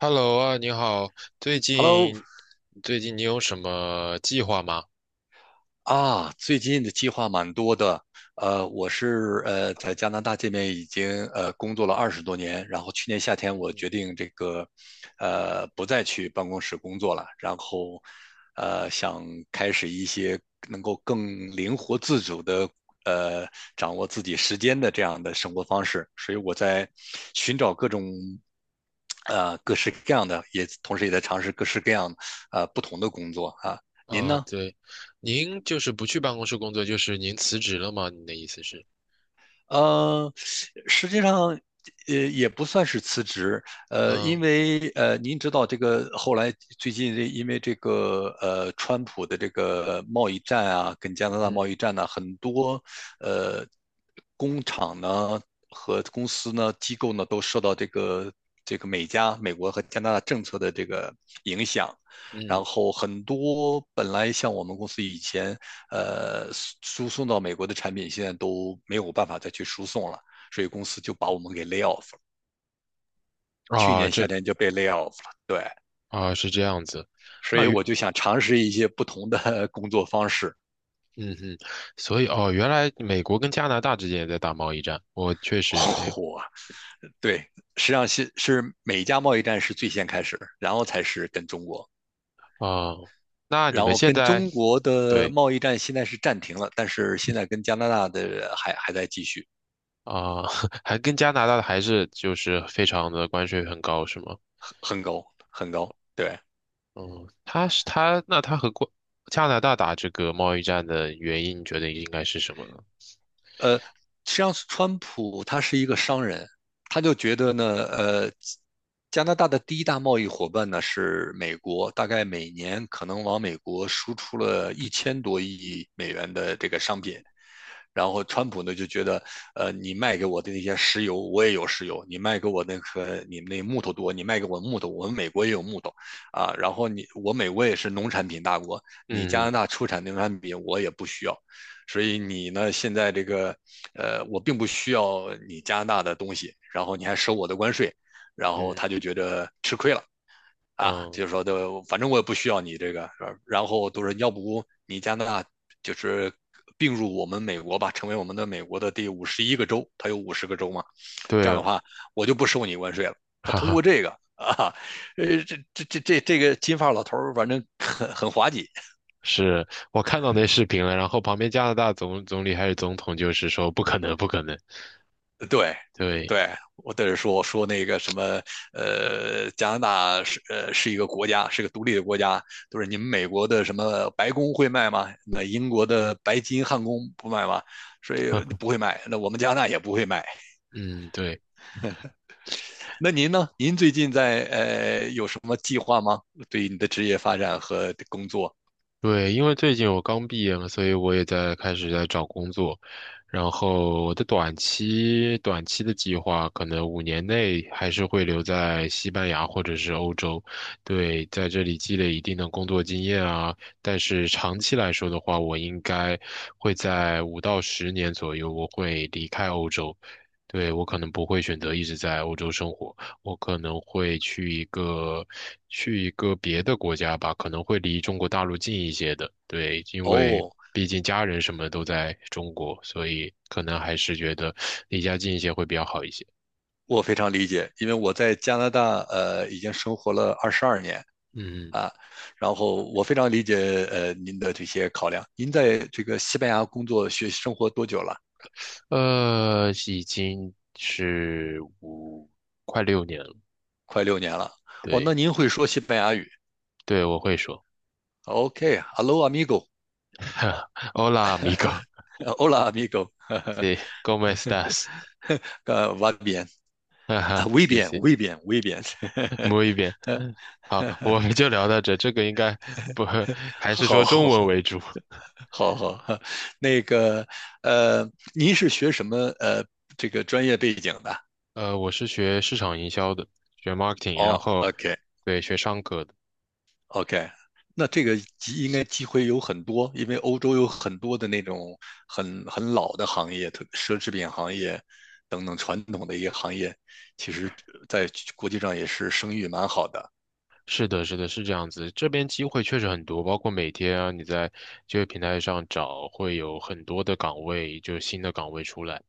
Hello 啊，你好。最 Hello 近最近你有什么计划吗？啊，最近的计划蛮多的。我是在加拿大这边已经工作了20多年，然后去年夏天嗯我哼。决定这个不再去办公室工作了，然后想开始一些能够更灵活自主的呃掌握自己时间的这样的生活方式，所以我在寻找各种各式各样的，也同时也在尝试各式各样不同的工作啊。您啊，呢？对，您就是不去办公室工作，就是您辞职了吗？你的意思是？呃，实际上，也不算是辞职，因嗯为您知道这个后来最近这因为这个川普的这个贸易战啊，跟加拿大贸嗯易战呢、很多呃工厂呢和公司呢、机构呢都受到这个美国和加拿大政策的这个影响，然嗯。后很多本来像我们公司以前呃输送到美国的产品，现在都没有办法再去输送了，所以公司就把我们给 lay off 了。去啊，年夏天就被 lay off 了，对，啊是这样子。所啊以原我就想尝试一些不同的 工作方式。嗯哼。所以哦，原来美国跟加拿大之间也在打贸易战，我确实没有。哦，对，实际上是美加贸易战是最先开始，然后才是跟中国。啊。那你然们后现跟在。中国的对。贸易战现在是暂停了，但是现在跟加拿大的还在继续，啊，还跟加拿大的还是就是非常的关税很高是吗？很很高很高，对。哦，他是他，那他和过加拿大打这个贸易战的原因，你觉得应该是什么呢？呃，实际上川普他是一个商人，他就觉得呢，加拿大的第一大贸易伙伴呢是美国，大概每年可能往美国输出了1000多亿美元的这个商品，然后川普呢就觉得，你卖给我的那些石油，我也有石油；你卖给我那个你们那木头多，你卖给我木头，我们美国也有木头啊。然后你我美国也是农产品大国，你加嗯拿大出产农产品我也不需要，所以你呢现在这个，我并不需要你加拿大的东西，然后你还收我的关税，然后嗯他就觉得吃亏了。啊，嗯。就是说的，反正我也不需要你这个，是吧然后都是要不你加拿大就是并入我们美国吧，成为我们的美国的第51个州，它有50个州嘛，这样的对。话我就不收你关税了。他哈通哈。过这个啊，这个金发老头儿反正很很滑稽是，我看到那视频了，然后旁边加拿大总理还是总统就是说不可能，不可能。对，对，对，我在这说，我说那个什么，加拿大是一个国家，是个独立的国家，就是你们美国的什么白宫会卖吗？那英国的白金汉宫不卖吗？所以不 会卖，那我们加拿大也不会卖。嗯对。那您呢？您最近在有什么计划吗？对于你的职业发展和工作？对，因为最近我刚毕业嘛，所以我也在开始在找工作。然后我的短期的计划，可能5年内还是会留在西班牙或者是欧洲。对，在这里积累一定的工作经验啊。但是长期来说的话，我应该会在5到10年左右，我会离开欧洲。对，我可能不会选择一直在欧洲生活。我可能会去一个别的国家吧，可能会离中国大陆近一些的。对，因为哦，毕竟家人什么都在中国，所以可能还是觉得离家近一些会比较好一些。我非常理解，因为我在加拿大已经生活了22年，嗯。啊，然后我非常理解您的这些考量。您在这个西班牙工作学习、生活多久了？已经是快6年了。快6年了。哦，那对。您会说西班牙语对，我会说 ？OK，Hello、，Hola amigo，Hola amigo，amigo，sí，cómo estás？va bien，哈啊哈，，muy 谢谢。bien，muy b i e n m u bien，摸一遍。好，我们就聊到这，这个应该不，还好是说中文好为主。好好好，那个呃，您是学什么这个专业背景的？我是学市场营销的，学 marketing，然哦后，OK，对，学商科的。OK，那这个应该机会有很多，因为欧洲有很多的那种很很老的行业，特奢侈品行业等等传统的一个行业，其实在国际上也是声誉蛮好的是的，是的，是这样子。这边机会确实很多，包括每天啊，你在就业平台上找，会有很多的岗位，就新的岗位出来。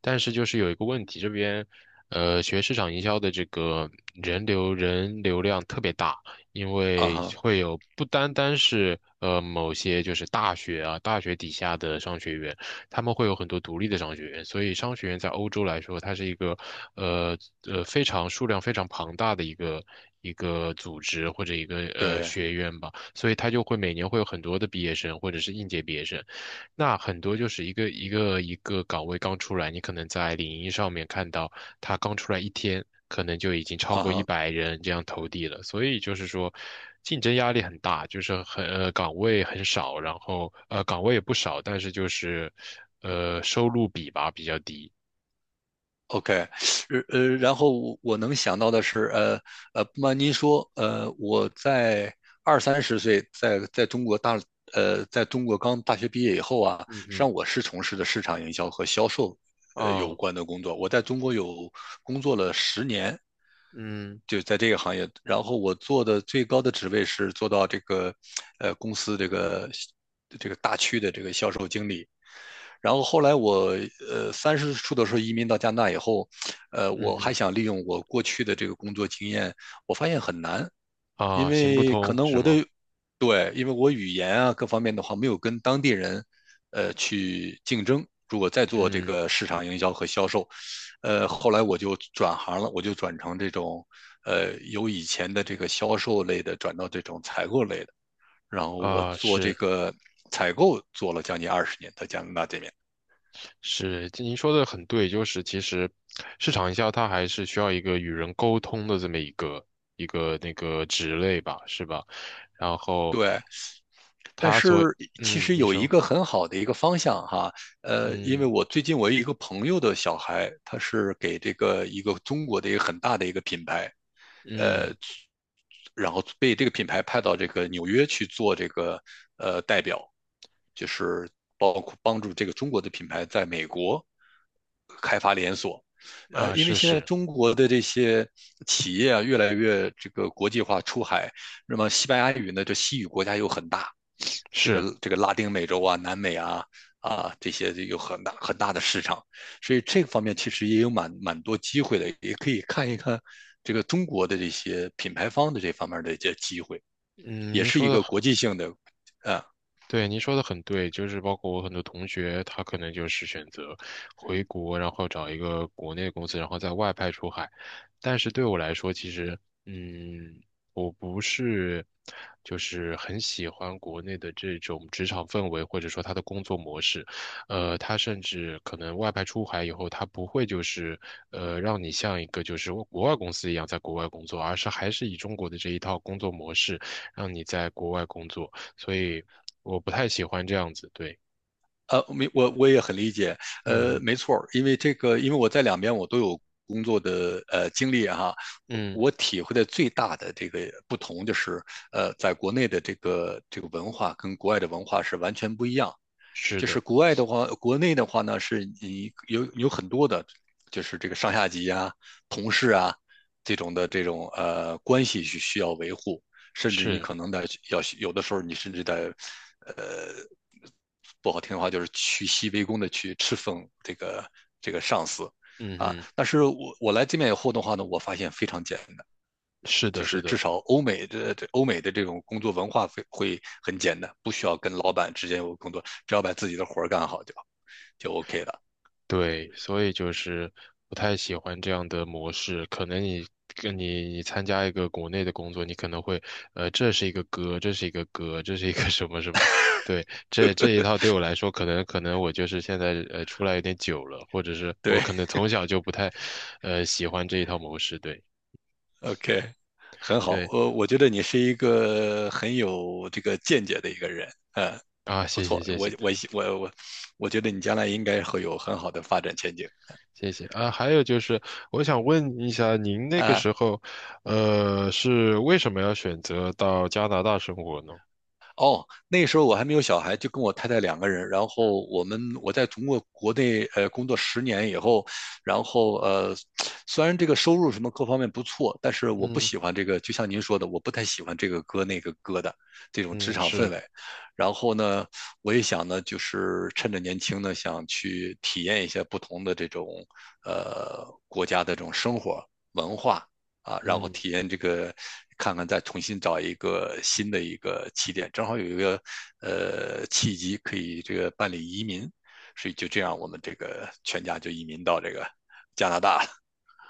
但是就是有一个问题，这边学市场营销的这个人流量特别大。因啊为哈，会有不单单是某些就是大学底下的商学院，他们会有很多独立的商学院，所以商学院在欧洲来说，它是一个呃非常，数量非常庞大的一个。一个组织或者一个对学院吧，所以它就会每年会有很多的毕业生或者是应届毕业生。那很多就是一个一个岗位刚出来，你可能在领英上面看到他刚出来一天，可能就已经超啊过一哈。百人这样投递了。所以就是说，竞争压力很大，就是很岗位很少，然后岗位也不少，但是就是收入比吧比较低。OK，然后我能想到的是，不瞒您说，我在二三十岁在中国刚大学毕业以后啊，嗯实际嗯。上我是从事的市场营销和销售，有哦。关的工作。我在中国有工作了十年，嗯就在这个行业。然后我做的最高的职位是做到这个，公司这个大区的这个销售经理。然后后来我30出头的时候移民到加拿大以后，嗯我还哼。想利用我过去的这个工作经验，我发现很难，因啊，行不为可通能是我吗？的对，因为我语言啊各方面的话没有跟当地人去竞争。如果再做这嗯，个市场营销和销售，后来我就转行了，我就转成这种由以前的这个销售类的转到这种采购类的，然后我啊做这是。个采购做了将近20年，在加拿大这边。是，您说的很对，就是其实市场营销它还是需要一个与人沟通的这么一个那个职类吧，是吧？然后对，但它所。是其嗯，实你有一说。个很好的一个方向哈，因为嗯我最近我有一个朋友的小孩，他是给这个一个中国的一个很大的一个品牌，呃，嗯。然后被这个品牌派到这个纽约去做这个代表，就是包括帮助这个中国的品牌在美国开发连锁。啊，因为是现在是中国的这些企业啊，越来越这个国际化出海，那么西班牙语呢，这西语国家又很大，这是。个这个拉丁美洲啊、南美啊这些有很大很大的市场，所以这个方面其实也有蛮蛮多机会的，也可以看一看这个中国的这些品牌方的这方面的一些机会，嗯。也您是说一的个国际性的，呃对，您说的很对，就是包括我很多同学，他可能就是选择回国，然后找一个国内的公司，然后在外派出海。但是对我来说，其实。嗯，我不是就是很喜欢国内的这种职场氛围，或者说他的工作模式。他甚至可能外派出海以后，他不会就是让你像一个就是国外公司一样在国外工作，而是还是以中国的这一套工作模式让你在国外工作。所以我不太喜欢这样子。对。没我也很理解，嗯嗯没错，因为我在两边我都有。工作的经历啊哈、啊我嗯。我体会的最大的这个不同就是，在国内的这个文化跟国外的文化是完全不一样。是就是的。国外的话，国内的话呢，是你有很多的，就是这个上下级啊、同事啊这种关系需要维护，甚至你是。可能的要有的时候你甚至在呃不好听的话就是屈膝为恭的去侍奉这个上司嗯啊。哼。但是我来这边以后的话呢，我发现非常简单。是就的，是是至的。少欧美的这种工作文化会很简单，不需要跟老板之间有工作，只要把自己的活儿干好就 OK 了。对，所以就是不太喜欢这样的模式。可能你跟你参加一个国内的工作，你可能会，呃，这是一个歌，这是一个歌，这是一个 什么什么。对，这一套对我来说，可能我就是现在出来有点久了，或者是我对可能从小就不太，喜欢这一套模式。对。，OK，很好。对，我觉得你是一个很有这个见解的一个人，嗯，啊，不谢谢错。谢我谢。我我我我觉得你将来应该会有很好的发展前景谢谢啊，还有就是，我想问一下，您那个啊。时候，是为什么要选择到加拿大生活呢？哦，那时候我还没有小孩，就跟我太太两个人。然后我在中国国内工作十年以后，然后虽然这个收入什么各方面不错，但是我不嗯喜欢这个，就像您说的，我不太喜欢这个哥那个哥的这种职嗯。场氛是。围。然后呢，我也想呢，就是趁着年轻呢，想去体验一下不同的这种国家的这种生活文化。啊，然后嗯。体验这个，看看再重新找一个新的一个起点，正好有一个契机可以这个办理移民，所以就这样我们这个全家就移民到这个加拿大了，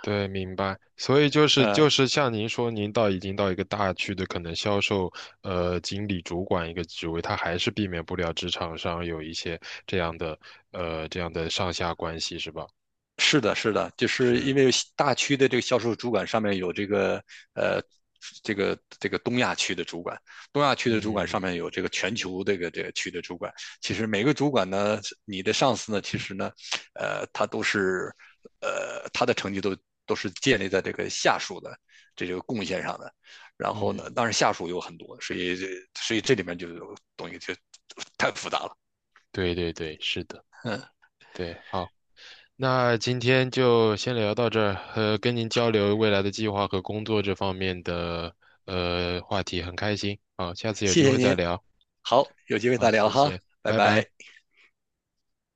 对，明白。所以就 是呃。像您说，您已经到一个大区的可能销售经理主管一个职位，他还是避免不了职场上有一些这样的这样的上下关系，是吧？是的，是的，就是因是。为大区的这个销售主管上面有这个呃，这个东亚区的主管，东亚区的主管上嗯面有这个全球这个区的主管。其实每个主管呢，你的上司呢，其实呢，他都是他的成绩都是建立在这个下属的这个贡献上的。然后呢，嗯。当然下属有很多，所以这里面就有东西就太复杂了。对对对，是的。嗯，对，好。那今天就先聊到这儿，跟您交流未来的计划和工作这方面的话题，很开心。好，下次有谢机谢会再您，聊。好，有机会好，再聊谢哈，谢，拜拜拜。拜。